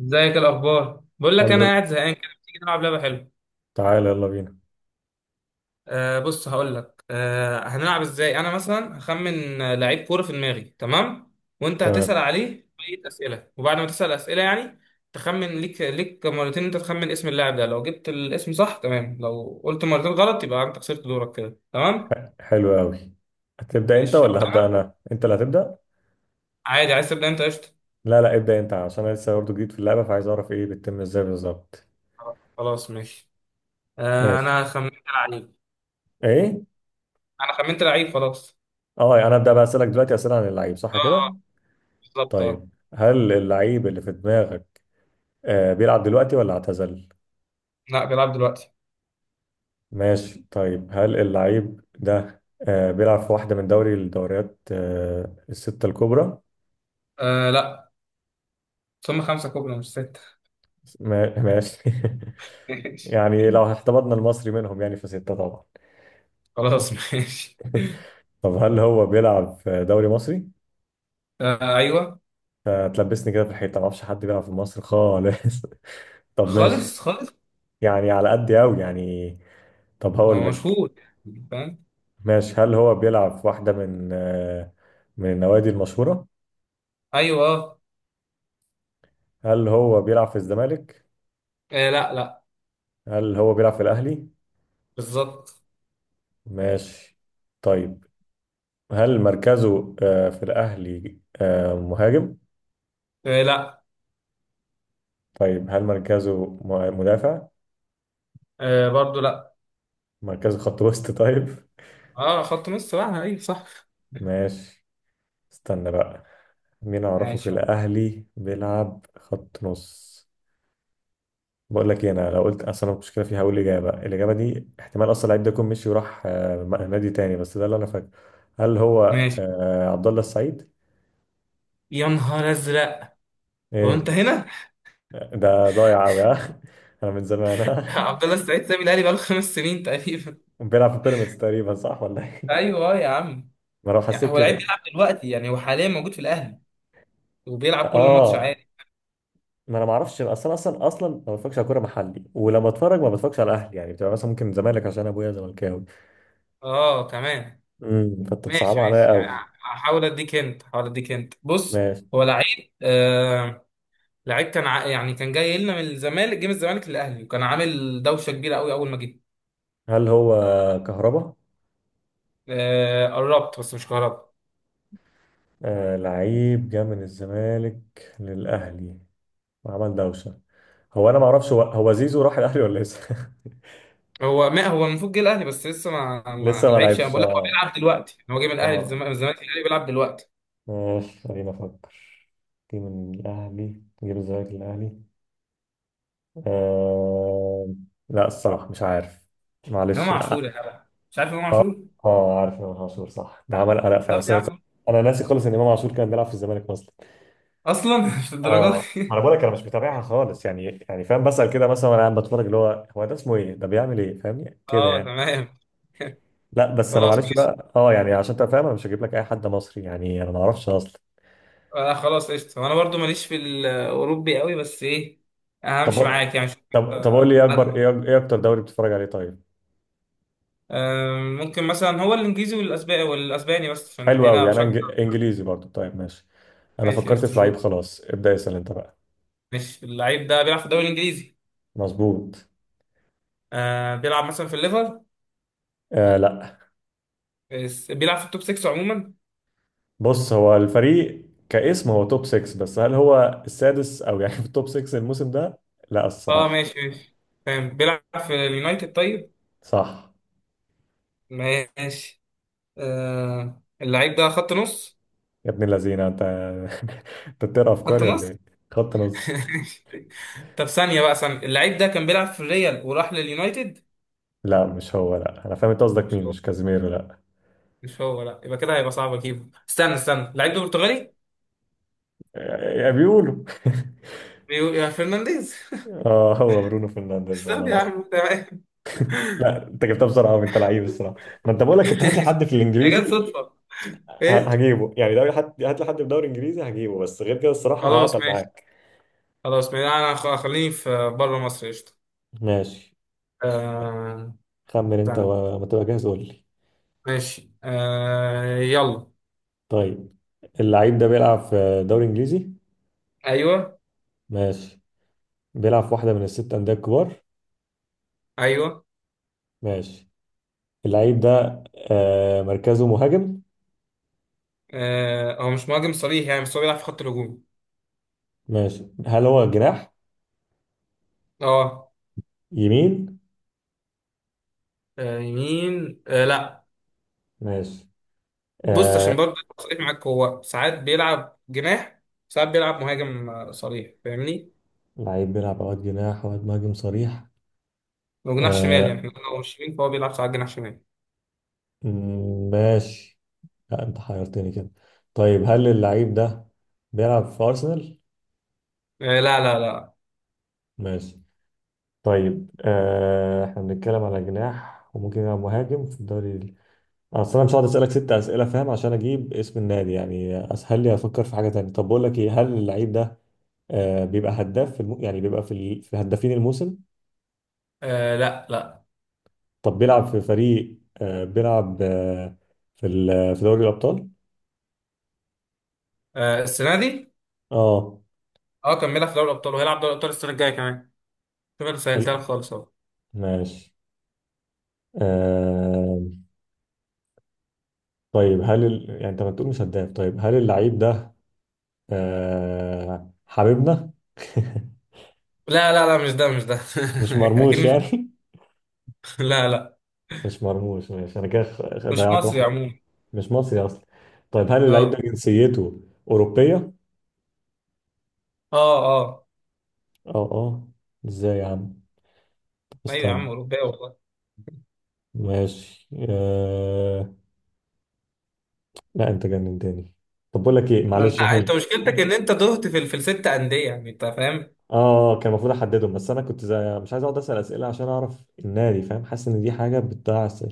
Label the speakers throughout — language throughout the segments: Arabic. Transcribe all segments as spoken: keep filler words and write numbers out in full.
Speaker 1: ازيك؟ الاخبار؟ بقول لك
Speaker 2: الحمد
Speaker 1: انا قاعد
Speaker 2: لله.
Speaker 1: زهقان كده، تيجي نلعب لعبه حلوه؟
Speaker 2: تعالى يلا بينا.
Speaker 1: آه بص، هقول لك آه هنلعب ازاي. انا مثلا هخمن آه، لعيب كوره في دماغي، تمام؟ وانت هتسال
Speaker 2: تمام.
Speaker 1: عليه بقيه اسئله، وبعد ما تسال اسئله يعني تخمن ليك ليك مرتين. انت تخمن اسم اللاعب ده، لو جبت الاسم صح تمام، لو قلت مرتين غلط يبقى انت خسرت دورك كده، تمام؟
Speaker 2: ح- حلو قوي. هتبدأ انت
Speaker 1: ماشي،
Speaker 2: ولا
Speaker 1: ابدا
Speaker 2: هبدأ
Speaker 1: انا.
Speaker 2: انا؟ انت اللي هتبدأ.
Speaker 1: عادي، عايز تبدا انت؟ قشطه.
Speaker 2: لا لا، ابدأ انت عشان انا لسه برضه جديد في اللعبة، فعايز اعرف ايه بتتم ازاي بالظبط.
Speaker 1: خلاص ماشي. آه،
Speaker 2: ماشي.
Speaker 1: انا خمنت لعيب.
Speaker 2: ايه.
Speaker 1: انا خمنت لعيب خلاص.
Speaker 2: اه، يعني انا ابدأ بقى اسألك دلوقتي اسئلة عن اللعيب، صح كده؟
Speaker 1: اه بالظبط اه.
Speaker 2: طيب، هل اللعيب اللي في دماغك آه بيلعب دلوقتي ولا اعتزل؟
Speaker 1: لا، بيلعب دلوقتي.
Speaker 2: ماشي. طيب هل اللعيب ده آه بيلعب في واحدة من دوري الدوريات آه الستة الكبرى؟
Speaker 1: آه لا. ثم خمسة كوبري مش ستة.
Speaker 2: ما- ماشي.
Speaker 1: ماشي.
Speaker 2: يعني لو احتفظنا المصري منهم يعني فستة طبعا.
Speaker 1: خلاص ماشي.
Speaker 2: طب هل هو بيلعب في دوري مصري؟
Speaker 1: آه أيوه.
Speaker 2: هتلبسني كده في الحيطة، ما اعرفش حد بيلعب في مصر خالص. طب ماشي.
Speaker 1: خالص خالص.
Speaker 2: يعني على قد قوي يعني. طب هقول
Speaker 1: هو
Speaker 2: لك.
Speaker 1: مشهور يعني، فاهم.
Speaker 2: ماشي. هل هو بيلعب في واحدة من آه، من النوادي المشهورة؟
Speaker 1: أيوه آه.
Speaker 2: هل هو بيلعب في الزمالك؟
Speaker 1: آه، لا لا.
Speaker 2: هل هو بيلعب في الأهلي؟
Speaker 1: بالظبط.
Speaker 2: ماشي. طيب هل مركزه آه، في الأهلي آه، مهاجم؟
Speaker 1: آه لا.
Speaker 2: طيب هل مركزه م- مدافع؟
Speaker 1: آه برضه لا.
Speaker 2: مركزه خط وسط، طيب؟
Speaker 1: اه، خط مصر بقى أيوه صح.
Speaker 2: ماشي. استنى بقى. مين اعرفه في
Speaker 1: ماشي
Speaker 2: الاهلي بيلعب خط نص؟ بقول لك إيه، انا لو قلت اصلا المشكله فيها هقول اجابه الاجابه دي، احتمال اصلا اللعيب ده يكون مشي وراح، آه، نادي تاني، بس ده اللي انا فاكره. هل هو
Speaker 1: ماشي.
Speaker 2: آه، عبد الله السعيد؟
Speaker 1: يا نهار أزرق. هو
Speaker 2: ايه؟
Speaker 1: أنت هنا؟
Speaker 2: ده ضايع قوي ها، انا من زمان ها.
Speaker 1: عبد الله السعيد سابي الأهلي بقاله خمس سنين تقريبا.
Speaker 2: بيلعب في بيراميدز تقريبا، صح ولا ايه؟
Speaker 1: ايوه يا عم.
Speaker 2: ما انا
Speaker 1: يعني
Speaker 2: حسيت
Speaker 1: هو لعيب
Speaker 2: كده.
Speaker 1: بيلعب دلوقتي، يعني هو حاليا موجود في الاهلي وبيلعب كل ماتش
Speaker 2: اه،
Speaker 1: عادي.
Speaker 2: ما انا ما اعرفش اصلا اصلا اصلا، ما بتفرجش على كوره محلي، ولما اتفرج ما بتفرجش على اهلي، يعني بتبقى مثلا ممكن زمالك عشان ابويا زملكاوي.
Speaker 1: اه كمان.
Speaker 2: امم فانت بصعب
Speaker 1: ماشي
Speaker 2: عليا
Speaker 1: ماشي يعني.
Speaker 2: قوي.
Speaker 1: هحاول اديك انت، هحاول اديك انت، بص.
Speaker 2: ماشي.
Speaker 1: هو لعيب آه لعيب كان ع... يعني كان جاي لنا من الزمالك، جه من الزمالك للاهلي، وكان عامل دوشه كبيره قوي اول ما جه.
Speaker 2: هل هو كهربا؟
Speaker 1: آه قربت بس مش قربت.
Speaker 2: آه لعيب جه من الزمالك للأهلي وعمل دوشة. هو أنا ما أعرفش، هو هو زيزو راح الأهلي ولا لسه؟
Speaker 1: هو ما هو المفروض جه الاهلي بس لسه ما ما,
Speaker 2: لسه
Speaker 1: ما
Speaker 2: ما
Speaker 1: لعبش. انا
Speaker 2: لعبش.
Speaker 1: بقول لك هو
Speaker 2: آه
Speaker 1: بيلعب دلوقتي، يعني هو جه من الاهلي
Speaker 2: آه
Speaker 1: للزمالك، من الزمالك للاهلي، بيلعب دلوقتي.
Speaker 2: ماشي، خلينا أفكر. جه من الأهلي، جه من الزمالك للأهلي. آه لا، الصراحة مش عارف.
Speaker 1: امام
Speaker 2: معلش. آه
Speaker 1: عاشور يا جدع. مش عارف امام عاشور.
Speaker 2: آه عارف إمام عاشور، صح؟ ده عمل قلق فعلا،
Speaker 1: طب
Speaker 2: بس
Speaker 1: يا
Speaker 2: أنا.
Speaker 1: عم.
Speaker 2: أنا ناسي خالص إن إمام عاشور كان بيلعب في الزمالك أصلا.
Speaker 1: اصلا مش الدرجات
Speaker 2: اه ما
Speaker 1: دي.
Speaker 2: انا بقول لك، انا مش متابعها خالص، يعني يعني فاهم، بسأل كده مثلا وانا قاعد بتفرج اللي هو هو ده اسمه ايه، ده بيعمل ايه، فاهمني كده
Speaker 1: اه
Speaker 2: يعني.
Speaker 1: تمام.
Speaker 2: لا بس انا
Speaker 1: خلاص
Speaker 2: معلش
Speaker 1: ماشي.
Speaker 2: بقى، اه يعني عشان انت فاهم، انا مش هجيب لك اي حد مصري، يعني انا ما اعرفش اصلا.
Speaker 1: انا خلاص قشطه، وانا برضو ماليش في الاوروبي قوي، بس ايه.
Speaker 2: طب
Speaker 1: همشي معاك يعني، مش
Speaker 2: طب طب قول لي، ايه
Speaker 1: آه، حد.
Speaker 2: اكبر ايه ايه اكتر دوري بتتفرج عليه، طيب؟
Speaker 1: آه، ممكن مثلا هو الانجليزي والاسباني والاسباني بس عشان
Speaker 2: حلو
Speaker 1: هنا
Speaker 2: قوي، انا
Speaker 1: بشجع.
Speaker 2: إنج- انجليزي برضو، طيب ماشي. انا
Speaker 1: ماشي
Speaker 2: فكرت
Speaker 1: قشطه
Speaker 2: في
Speaker 1: شو.
Speaker 2: لعيب، خلاص ابدأ اسأل انت بقى.
Speaker 1: ماشي، اللعيب ده بيلعب في الدوري الانجليزي.
Speaker 2: مظبوط.
Speaker 1: آه بيلعب مثلا في الليفر.
Speaker 2: آه لا،
Speaker 1: بس- بيلعب في التوب ستة عموما.
Speaker 2: بص هو الفريق كاسم هو توب ستة، بس هل هو السادس او يعني في التوب ستة الموسم ده؟ لا
Speaker 1: اه
Speaker 2: الصراحة.
Speaker 1: ماشي ماشي، فاهم. بيلعب في اليونايتد طيب.
Speaker 2: صح.
Speaker 1: ماشي آه اللعيب ده خط نص.
Speaker 2: يا ابن اللذينه انت، انت بتقرا
Speaker 1: خط
Speaker 2: افكاري ولا ايه؟
Speaker 1: نص
Speaker 2: خط نص.
Speaker 1: طب ثانية بقى ثانية، اللعيب ده كان بيلعب في الريال وراح لليونايتد.
Speaker 2: لا مش هو، لا انا فاهم انت قصدك مين، مش كازيميرو، لا.
Speaker 1: مش هو، لا يبقى كده هيبقى صعب اجيبه. استنى استنى، لعيب برتغالي.
Speaker 2: يا بيقولوا.
Speaker 1: بيقول يا فرنانديز.
Speaker 2: اه هو برونو فرنانديز على
Speaker 1: استنى يا
Speaker 2: رأيي.
Speaker 1: عم، تمام.
Speaker 2: لا انت جبتها بسرعه قوي، انت لعيب الصراحه. ما انت بقول لك، انت هات لي حد في
Speaker 1: يا جت
Speaker 2: الانجليزي.
Speaker 1: صدفة.
Speaker 2: ه-
Speaker 1: ايه.
Speaker 2: هجيبه يعني دوري، حد هات لي حد في دوري انجليزي هجيبه، بس غير كده الصراحه
Speaker 1: خلاص
Speaker 2: هعطل
Speaker 1: ماشي.
Speaker 2: معاك.
Speaker 1: خلاص ماشي، انا خ- خليني في بره مصر قشطة.
Speaker 2: ماشي،
Speaker 1: آه،
Speaker 2: خمن انت
Speaker 1: استنى.
Speaker 2: وما تبقى جاهز قول لي.
Speaker 1: ماشي آه، يلا.
Speaker 2: طيب، اللعيب ده بيلعب في دوري انجليزي؟
Speaker 1: ايوه.
Speaker 2: ماشي. بيلعب في واحده من الست انديه الكبار؟
Speaker 1: ايوه.
Speaker 2: ماشي. اللعيب ده آه مركزه مهاجم؟
Speaker 1: آه، هو مش مهاجم صريح يعني، بس هو بيلعب في خط الهجوم.
Speaker 2: ماشي. هل هو جناح
Speaker 1: اه.
Speaker 2: يمين؟
Speaker 1: آه، يمين آه، لا.
Speaker 2: ماشي.
Speaker 1: بص عشان
Speaker 2: آه
Speaker 1: برضه أبقى صريح معاك، هو ساعات بيلعب جناح، ساعات بيلعب مهاجم آه، صريح، فاهمني.
Speaker 2: لعيب بيلعب اوقات جناح اوقات مهاجم صريح.
Speaker 1: وجناح شمال يعني،
Speaker 2: آه
Speaker 1: احنا لو مش شمال فهو بيلعب ساعات جناح شمال.
Speaker 2: م- ماشي. لا انت حيرتني كده. طيب هل اللعيب ده بيلعب في ارسنال؟
Speaker 1: آه لا لا لا.
Speaker 2: ماشي. طيب آه احنا بنتكلم على جناح وممكن يلعب مهاجم في الدوري ال- اصل انا مش هقعد اسالك ست اسئله، فاهم؟ عشان اجيب اسم النادي، يعني اسهل لي افكر في حاجه تانية. طب بقول لك ايه، هل اللعيب ده آه، بيبقى هداف في الم... يعني بيبقى في ال... في هدافين الموسم؟
Speaker 1: آه لا لا.
Speaker 2: طب بيلعب في فريق آه، بيلعب آه، في ال... في دوري الأبطال.
Speaker 1: آه السنه دي.
Speaker 2: اه
Speaker 1: اه كان بيلعب في دوري الابطال، وهيلعب دوري الابطال السنه الجايه كمان. شوف، انا سهلتها
Speaker 2: حلو
Speaker 1: لك خالص اهو.
Speaker 2: ماشي. آه... طيب، هل ال... يعني انت ما تقول مش هداف، طيب هل اللعيب ده آه... حبيبنا؟
Speaker 1: لا لا لا، مش ده مش ده.
Speaker 2: مش
Speaker 1: اكيد
Speaker 2: مرموش
Speaker 1: مش.
Speaker 2: يعني؟
Speaker 1: لا لا.
Speaker 2: مش مرموش. ماشي، انا كده خ- خ-
Speaker 1: مش
Speaker 2: ضيعت
Speaker 1: مصري
Speaker 2: واحد.
Speaker 1: عموما.
Speaker 2: مش مصري اصلا. طيب هل اللعيب ده
Speaker 1: اه
Speaker 2: جنسيته أوروبية؟
Speaker 1: اه. اه.
Speaker 2: اه اه، ازاي يا عم؟
Speaker 1: ايوه يا
Speaker 2: استنى.
Speaker 1: عم، اوروبيه والله.
Speaker 2: ماشي. آه... لا انت جننتني. طب بقول لك ايه،
Speaker 1: ما انت
Speaker 2: معلش
Speaker 1: انت
Speaker 2: هند.
Speaker 1: مشكلتك ان انت تهت في ال- في الست انديه، يعني انت فاهم.
Speaker 2: اه كان المفروض احددهم، بس انا كنت زي مش عايز اقعد اسال اسئله عشان اعرف النادي، فاهم؟ حاسس ان دي حاجه بتضيع س-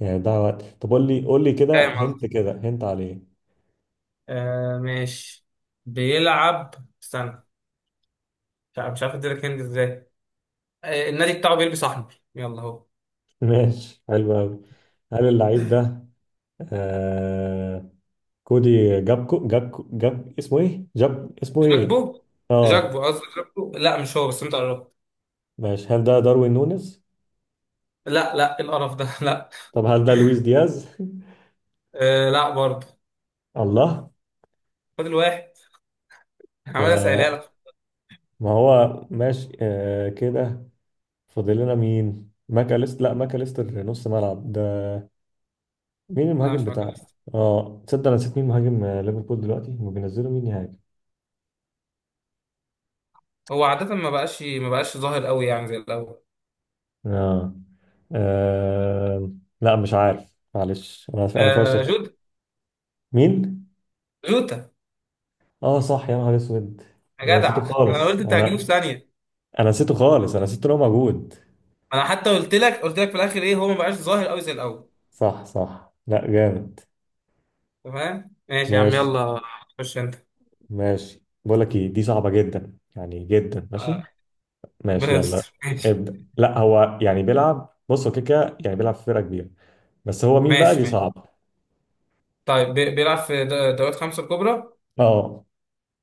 Speaker 2: يعني بتضيع وقت. طب قول لي، قول لي كده،
Speaker 1: فاهم
Speaker 2: هنت
Speaker 1: قصدي.
Speaker 2: كده هنت عليه.
Speaker 1: آه ماشي. بيلعب. استنى. مش عارف مش عارف اديلك هند ازاي. آه النادي بتاعه بيلبس احمر، يلا اهو.
Speaker 2: ماشي، حلو قوي. هل اللعيب ده آه كودي جابكو؟ جابكو؟ جاب اسمه ايه، جاب اسمه ايه.
Speaker 1: جاكبو. جاكبو
Speaker 2: اه
Speaker 1: قصدي جاكبو، لا مش هو بس انت قربت.
Speaker 2: ماشي. هل ده داروين نونيز؟
Speaker 1: لا لا، إيه القرف ده، لا.
Speaker 2: طب هل ده لويس دياز؟
Speaker 1: آه لا برضه.
Speaker 2: الله.
Speaker 1: فاضل واحد. عمال اسالها
Speaker 2: آه
Speaker 1: لك.
Speaker 2: ما هو ماشي آه كده. فاضل لنا مين؟ ماكاليست لا، ماكاليستر نص ملعب ده. مين
Speaker 1: لا
Speaker 2: المهاجم
Speaker 1: مش
Speaker 2: بتاع؟
Speaker 1: ماكاليستر.
Speaker 2: اه تصدق انا نسيت مين مهاجم آه، ليفربول دلوقتي؟ هما بينزلوا مين يهاجم.
Speaker 1: هو عادة ما بقاش ما بقاش ظاهر قوي يعني زي الاول.
Speaker 2: اه. آه، لا مش عارف، معلش، انا انا
Speaker 1: آه
Speaker 2: فاشل.
Speaker 1: جود.
Speaker 2: مين؟
Speaker 1: جوتا.
Speaker 2: اه صح، يا نهار اسود.
Speaker 1: يا
Speaker 2: انا نسيته
Speaker 1: جدع انا قلت
Speaker 2: خالص،
Speaker 1: انت هتجيبه في
Speaker 2: انا
Speaker 1: ثانية.
Speaker 2: انا نسيته خالص، انا نسيت ان هو موجود.
Speaker 1: انا حتى قلت لك قلت لك في الاخر ايه، هو ما بقاش ظاهر قوي زي الاول.
Speaker 2: صح صح، لا جامد.
Speaker 1: تمام ماشي يا عم
Speaker 2: ماشي
Speaker 1: يلا. خش انت.
Speaker 2: ماشي. بقول لك ايه، دي صعبة جدا، يعني جدا.
Speaker 1: آه،
Speaker 2: ماشي
Speaker 1: ربنا
Speaker 2: ماشي يلا.
Speaker 1: يستر. ماشي.
Speaker 2: ابدأ. لا هو يعني بيلعب، بص هو كده كده يعني، بيلعب في فرقة كبيرة، بس هو مين بقى؟ دي
Speaker 1: ماشي ماشي.
Speaker 2: صعبة.
Speaker 1: طيب بي- بيلعب في د- دوريات خمسة الكبرى.
Speaker 2: اه.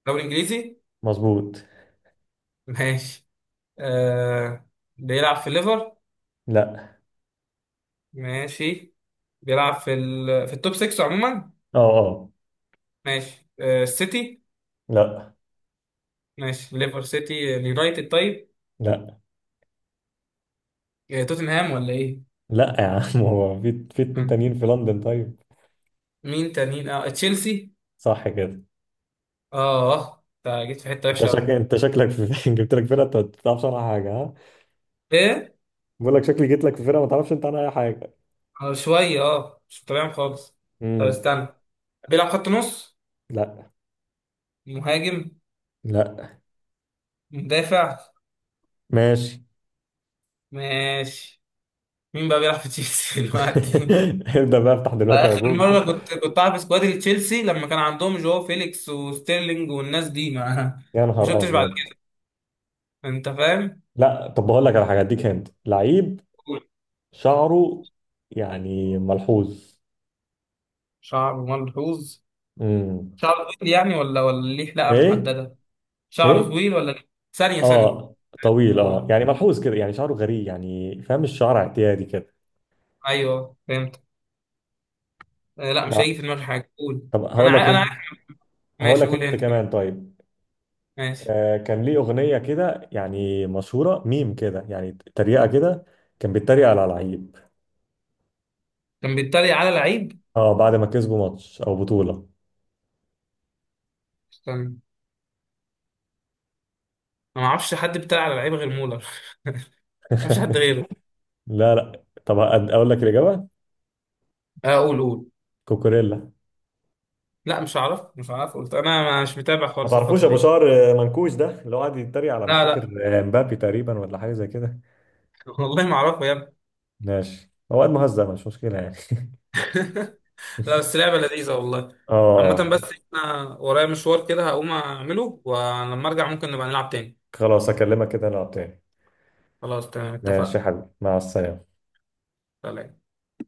Speaker 1: دوري انجليزي.
Speaker 2: مظبوط.
Speaker 1: ماشي. آه بيلعب في ليفر.
Speaker 2: لا.
Speaker 1: ماشي. بيلعب في ال... في التوب ستة عموما.
Speaker 2: اه اه.
Speaker 1: ماشي آه السيتي.
Speaker 2: لا
Speaker 1: ماشي، ليفر سيتي اليونايتد طيب.
Speaker 2: لا
Speaker 1: آه توتنهام ولا ايه.
Speaker 2: لا يا عم. هو في في اتنين
Speaker 1: مم.
Speaker 2: تانيين في لندن، طيب.
Speaker 1: مين تانيين اه تشيلسي.
Speaker 2: صح كده.
Speaker 1: اه اه، انت جيت في حته
Speaker 2: انت
Speaker 1: وحشه
Speaker 2: شك...
Speaker 1: قوي.
Speaker 2: انت شكلك في... جبت لك فرقة انت ما تعرفش عنها حاجة، ها.
Speaker 1: ايه.
Speaker 2: بقول لك شكلي جيت لك في فرقة ما تعرفش انت عنها اي حاجة.
Speaker 1: آه شويه اه مش تمام خالص. طب
Speaker 2: امم
Speaker 1: استنى. بيلعب خط نص.
Speaker 2: لا
Speaker 1: مهاجم.
Speaker 2: لا.
Speaker 1: مدافع.
Speaker 2: ماشي.
Speaker 1: ماشي. مين بقى بيلعب في تشيلسي دلوقتي.
Speaker 2: ابدأ بقى، افتح
Speaker 1: على
Speaker 2: دلوقتي على
Speaker 1: اخر
Speaker 2: جوجل كده.
Speaker 1: مره كنت كنت عارف سكواد تشيلسي لما كان عندهم جو فيليكس وستيرلينج والناس دي ما
Speaker 2: يا
Speaker 1: ما
Speaker 2: نهار
Speaker 1: شفتش بعد
Speaker 2: ابيض.
Speaker 1: كده، انت فاهم.
Speaker 2: لا طب بقول لك على حاجة، اديك هنت لعيب. شعره يعني ملحوظ.
Speaker 1: شعره ملحوظ.
Speaker 2: امم
Speaker 1: شعره طويل يعني ولا ولا ليه حلقه
Speaker 2: ايه.
Speaker 1: محدده. شعره
Speaker 2: ايه.
Speaker 1: طويل ولا ليه؟ ثانيه ثانيه.
Speaker 2: اه طويل، اه
Speaker 1: آه.
Speaker 2: يعني ملحوظ كده، يعني شعره غريب يعني، فاهم، الشعر اعتيادي كده.
Speaker 1: ايوه فهمت. آه لا، مش
Speaker 2: لا.
Speaker 1: هيجي في دماغي حاجه، قول.
Speaker 2: طب
Speaker 1: انا
Speaker 2: هقول لك
Speaker 1: عا... انا
Speaker 2: انت
Speaker 1: عارف.
Speaker 2: هقول
Speaker 1: ماشي،
Speaker 2: لك
Speaker 1: قول
Speaker 2: انت
Speaker 1: انت كمان.
Speaker 2: كمان، طيب.
Speaker 1: ماشي.
Speaker 2: آه كان ليه اغنيه كده يعني مشهوره، ميم كده يعني، تريقه كده. كان بيتريق على لعيب.
Speaker 1: كان بيتريق على لعيب.
Speaker 2: اه بعد ما كسبوا ماتش او بطوله.
Speaker 1: استنى. انا ما اعرفش حد بيتريق على لعيب غير مولر. ما فيش حد غيره.
Speaker 2: لا لا، طب أد- أقول لك الاجابه.
Speaker 1: آه، قول قول.
Speaker 2: كوكوريلا.
Speaker 1: لا مش هعرف مش هعرف، قلت انا مش متابع
Speaker 2: ما
Speaker 1: خالص
Speaker 2: تعرفوش
Speaker 1: الفتره
Speaker 2: ابو
Speaker 1: دي.
Speaker 2: شعر منكوش ده، اللي هو قاعد يتريق على مش
Speaker 1: لا
Speaker 2: فاكر.
Speaker 1: لا.
Speaker 2: آه، مبابي تقريبا ولا حاجه زي كده.
Speaker 1: والله ما اعرفه يا ابني.
Speaker 2: ماشي، هو قاعد مهزأ، مش مشكله يعني.
Speaker 1: لا، بس لعبه لذيذه والله. عامه
Speaker 2: اه
Speaker 1: بس، انا ورايا مشوار كده هقوم اعمله، ولما ارجع ممكن نبقى نلعب تاني.
Speaker 2: خلاص، اكلمك كده نلعب تاني.
Speaker 1: خلاص تمام،
Speaker 2: ماشي يا
Speaker 1: اتفقنا.
Speaker 2: حبيبي، مع السلامه.
Speaker 1: سلام.